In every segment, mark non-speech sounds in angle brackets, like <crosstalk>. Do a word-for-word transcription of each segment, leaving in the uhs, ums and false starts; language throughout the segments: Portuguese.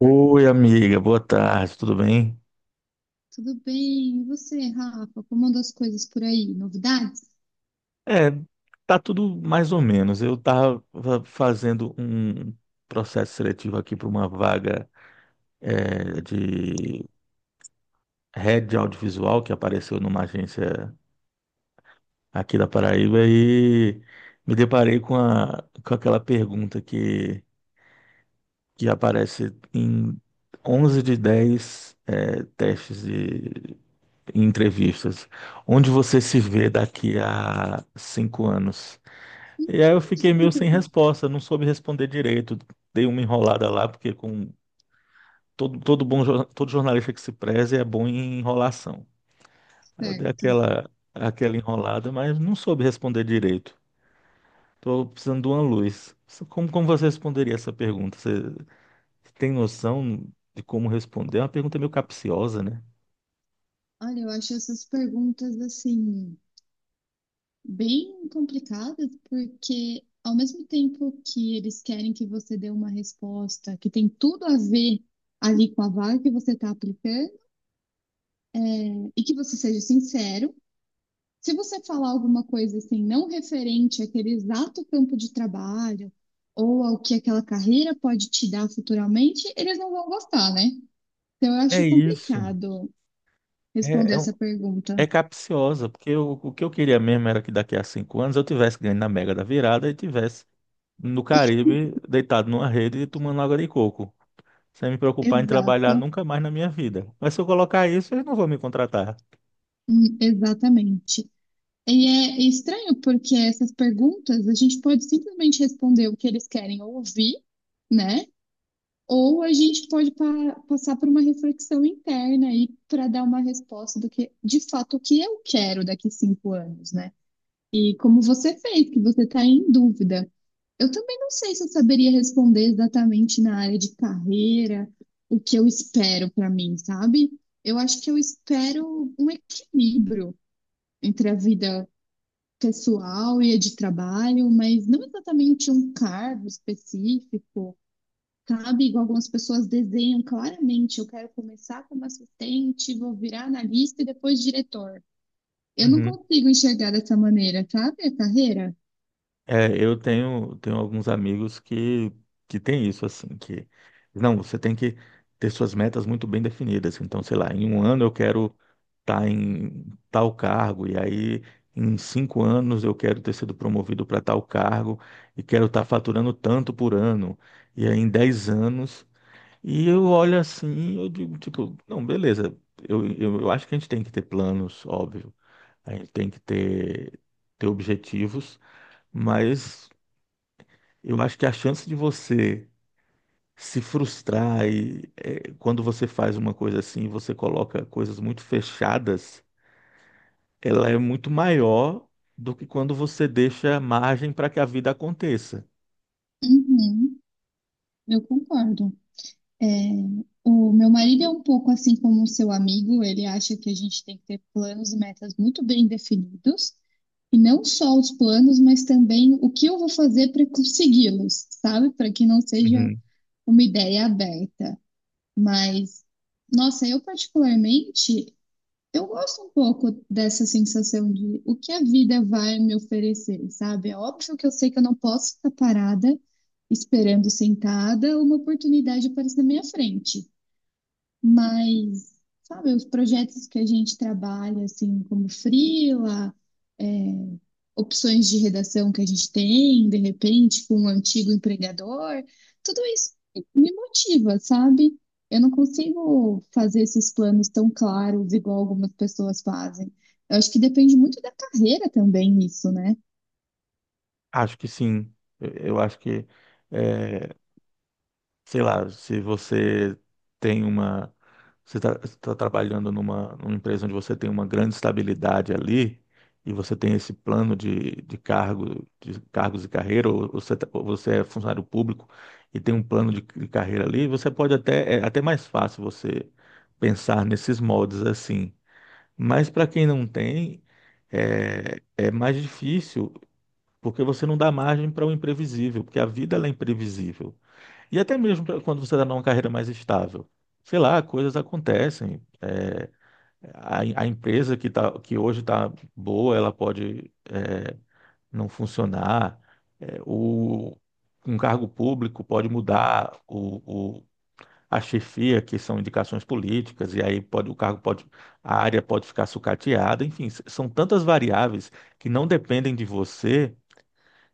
Oi, amiga, boa tarde, tudo bem? Tudo bem? E você, Rafa? Como andam as coisas por aí? Novidades? É, tá tudo mais ou menos. Eu tava fazendo um processo seletivo aqui para uma vaga é, de head de audiovisual que apareceu numa agência aqui da Paraíba e me deparei com, a, com aquela pergunta que, que aparece em onze de dez é, testes de entrevistas. Onde você se vê daqui a cinco anos? E aí eu fiquei meio sem <laughs> resposta, não soube responder direito. Dei uma enrolada lá, porque com todo, todo bom, jor- todo jornalista que se preze é bom em enrolação. Aí eu dei Certo. aquela, aquela enrolada, mas não soube responder direito. Tô precisando de uma luz. Isso- Como, como você responderia essa pergunta? Você tem noção de como responder? É uma pergunta meio capciosa, né? Olha, eu acho essas perguntas assim bem complicadas, porque ao mesmo tempo que eles querem que você dê uma resposta que tem tudo a ver ali com a vaga que você está aplicando e que você seja sincero, se você falar alguma coisa assim não referente àquele exato campo de trabalho ou ao que aquela carreira pode te dar futuramente, eles não vão gostar, né? Então, eu É acho isso. complicado É, responder é, um- essa é pergunta. capciosa, porque eu- o que eu queria mesmo era que daqui a cinco anos eu tivesse ganho na Mega da Virada e tivesse no Caribe, deitado numa rede e tomando água de coco, sem me preocupar em trabalhar Exato. nunca mais na minha vida. Mas se eu colocar isso, eles não vão me contratar. Hum, exatamente. E é estranho porque essas perguntas a gente pode simplesmente responder o que eles querem ouvir, né? Ou a gente pode pa- passar por uma reflexão interna aí para dar uma resposta do que, de fato, o que eu quero daqui cinco anos, né? E como você fez, que você está em dúvida. Eu também não sei se eu saberia responder exatamente na área de carreira o que eu espero para mim, sabe? Eu acho que eu espero um equilíbrio entre a vida pessoal e a de trabalho, mas não exatamente um cargo específico, sabe? Igual algumas pessoas desenham claramente, eu quero começar como assistente, vou virar analista e depois diretor. Eu não Uhum. consigo enxergar dessa maneira, sabe? A carreira. É, eu tenho, tenho alguns amigos que, que têm isso, assim, que não, você tem que ter suas metas muito bem definidas. Então, sei lá, em um ano eu quero estar em tal cargo, e aí em cinco anos eu quero ter sido promovido para tal cargo, e quero estar faturando tanto por ano, e aí em dez anos. E eu olho assim, eu digo, tipo, não, beleza. Eu, eu, eu acho que a gente tem que ter planos, óbvio. A gente tem que ter, ter objetivos, mas eu acho que a chance de você se frustrar e, eh, quando você faz uma coisa assim, você coloca coisas muito fechadas, ela é muito maior do que quando você deixa margem para que a vida aconteça. Uhum, eu concordo. É, o meu marido é um pouco assim como o seu amigo, ele acha que a gente tem que ter planos e metas muito bem definidos, e não só os planos, mas também o que eu vou fazer para consegui-los, sabe? Para que não seja Uhum. uma ideia aberta. Mas, nossa, eu particularmente. Eu gosto um pouco dessa sensação de o que a vida vai me oferecer, sabe? É óbvio que eu sei que eu não posso ficar parada esperando sentada uma oportunidade aparecer na minha frente. Mas, sabe, os projetos que a gente trabalha, assim, como freela, é, opções de redação que a gente tem, de repente, com um antigo empregador. Tudo isso me motiva, sabe? Eu não consigo fazer esses planos tão claros igual algumas pessoas fazem. Eu acho que depende muito da carreira também, isso, né? Acho que sim. Eu, eu acho que é, sei lá, se você tem uma, você está trabalhando numa, numa empresa onde você tem uma grande estabilidade ali e você tem esse plano de, de cargo, de cargos e carreira, ou ou você, tá- ou você é funcionário público e tem um plano de, de carreira ali, você pode até, é até mais fácil você pensar nesses moldes assim. Mas para quem não tem, é, é mais difícil, porque você não dá margem para o imprevisível, porque a vida ela é imprevisível. E até mesmo pra- quando você está numa carreira mais estável. Sei lá, coisas acontecem. É, a, a empresa que, tá, que hoje está boa, ela pode é, não funcionar. É, o, Um cargo público pode mudar o, o- a chefia, que são indicações políticas, e aí pode, o cargo pode, a área pode ficar sucateada. Enfim, s- são tantas variáveis que não dependem de você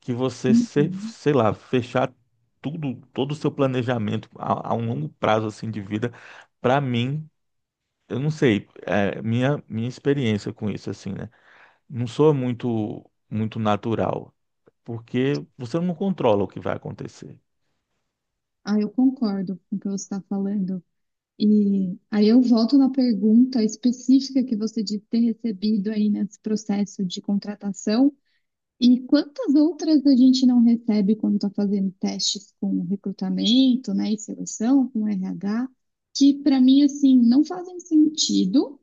que você, se- Uhum. sei lá, fechar tudo, todo o seu planejamento a, a um longo prazo assim de vida, para mim, eu não sei, é, minha minha experiência com isso assim, né? Não sou muito muito natural, porque você não controla o que vai acontecer. Ah, eu concordo com o que você está falando. E aí eu volto na pergunta específica que você disse ter recebido aí nesse processo de contratação. E quantas outras a gente não recebe quando está fazendo testes com recrutamento, né, e seleção, com R H, que para mim assim não fazem sentido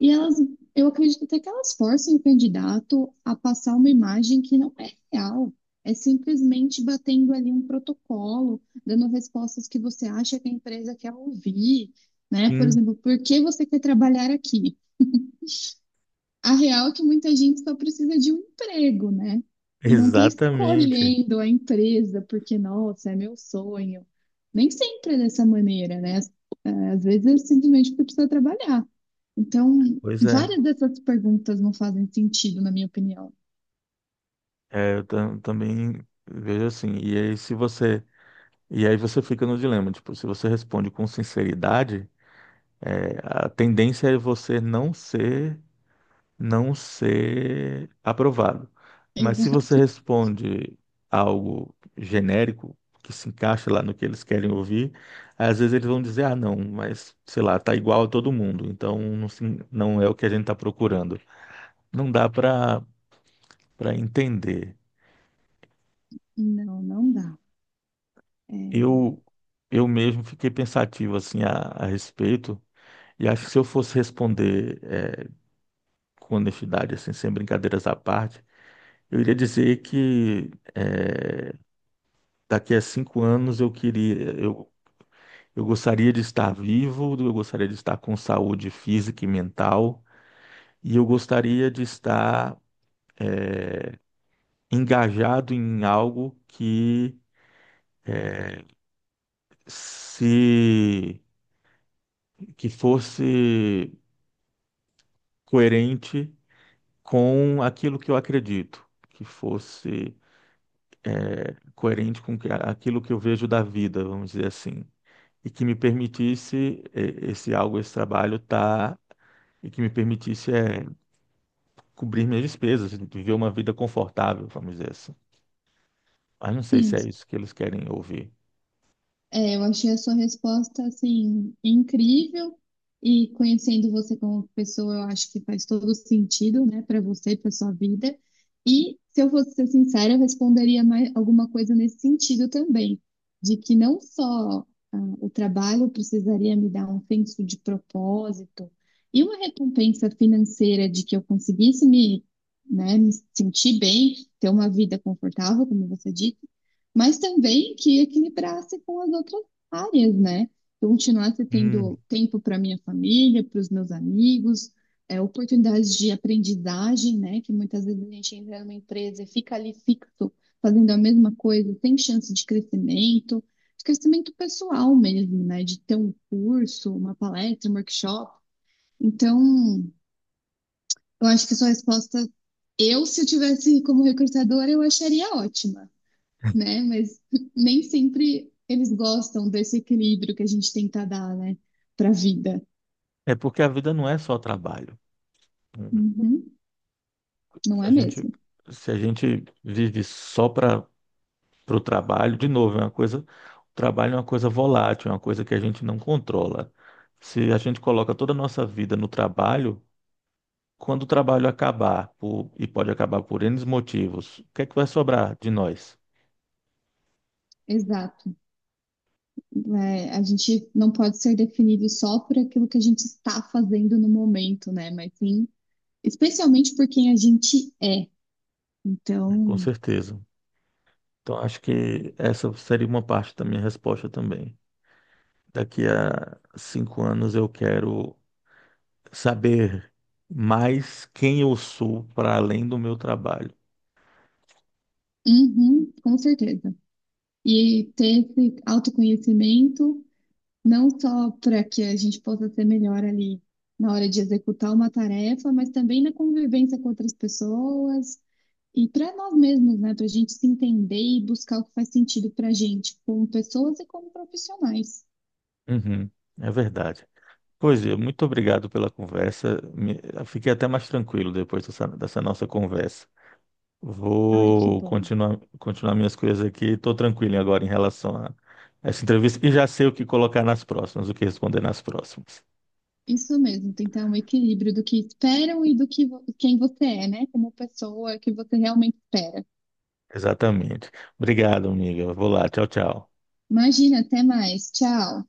e elas, eu acredito até que elas forcem o candidato a passar uma imagem que não é real. É simplesmente batendo ali um protocolo, dando respostas que você acha que a empresa quer ouvir, né? Por Sim, exemplo, por que você quer trabalhar aqui? A real é que muita gente só precisa de um emprego, né? E não tá exatamente. escolhendo a empresa porque, nossa, é meu sonho. Nem sempre é dessa maneira, né? Às vezes é simplesmente porque precisa trabalhar. Então, Pois é. várias dessas perguntas não fazem sentido, na minha opinião. É, eu tam- também vejo assim. E aí se você E aí você fica no dilema, tipo, se você responde com sinceridade, a tendência é você não ser não ser aprovado. <laughs> Mas se você Exato. responde algo genérico, que se encaixa lá no que eles querem ouvir, às vezes eles vão dizer, ah, não, mas sei lá, tá igual a todo mundo, então não, se- não é o que a gente está procurando. Não dá para para entender. Não, não dá. É, Eu eu mesmo fiquei pensativo assim a, a respeito e acho que se eu fosse responder eh, com honestidade, assim, sem brincadeiras à parte, eu iria dizer que eh, daqui a cinco anos eu queria, eu, eu gostaria de estar vivo, eu gostaria de estar com saúde física e mental, e eu gostaria de estar engajado em algo que se que fosse coerente com aquilo que eu acredito, que fosse coerente com que- aquilo que eu vejo da vida, vamos dizer assim. E que me permitisse eh, esse algo, esse trabalho, tá, e que me permitisse eh, cobrir minhas despesas, viver uma vida confortável, vamos dizer assim. Mas não sei sim. se é isso que eles querem ouvir. É, eu achei a sua resposta, assim, incrível. E conhecendo você como pessoa, eu acho que faz todo sentido, né, para você, e para sua vida. E, se eu fosse ser sincera, eu responderia mais alguma coisa nesse sentido também, de que não só ah, o trabalho precisaria me dar um senso de propósito e uma recompensa financeira de que eu conseguisse me, né, me sentir bem, ter uma vida confortável, como você disse, mas também que equilibrasse com as outras áreas, né? Eu continuasse Hum. tendo tempo para minha família, para os meus amigos, é, oportunidades de aprendizagem, né? Que muitas vezes a gente entra numa empresa e fica ali fixo, fazendo a mesma coisa, sem chance de crescimento, de crescimento pessoal mesmo, né? De ter um curso, uma palestra, um workshop. Então, eu acho que sua resposta, eu, se eu tivesse como recrutadora, eu acharia ótima, né? Mas <laughs> nem sempre eles gostam desse equilíbrio que a gente tenta dar, né, para a vida. É porque a vida não é só trabalho. Hum. Uhum. Não Se a é gente, mesmo? se a gente vive só para o trabalho, de novo, é uma coisa, o trabalho é uma coisa volátil, é uma coisa que a gente não controla. Se a gente coloca toda a nossa vida no trabalho, quando o trabalho acabar, por- e pode acabar por N motivos, o que é que vai sobrar de nós? Exato. É, a gente não pode ser definido só por aquilo que a gente está fazendo no momento, né? Mas sim, especialmente por quem a gente é. Com Então, certeza. Então, acho que essa seria uma parte da minha resposta também. Daqui a cinco anos eu quero saber mais quem eu sou para além do meu trabalho. uhum, com certeza. E ter esse autoconhecimento não só para que a gente possa ser melhor ali na hora de executar uma tarefa, mas também na convivência com outras pessoas e para nós mesmos, né? Para a gente se entender e buscar o que faz sentido para a gente, como pessoas e como profissionais. Uhum, é verdade. Pois é, muito obrigado pela conversa. Me- eu fiquei até mais tranquilo depois dessa, dessa nossa conversa. Ai, que Vou bom. continuar, continuar minhas coisas aqui. Estou tranquilo agora em relação a essa entrevista e já sei o que colocar nas próximas, o que responder nas próximas. Isso mesmo, tentar um equilíbrio do que esperam e do que vo- quem você é, né? Como pessoa que você realmente espera. Exatamente. Obrigado, amiga. Vou lá. Tchau, tchau. Imagina, até mais. Tchau.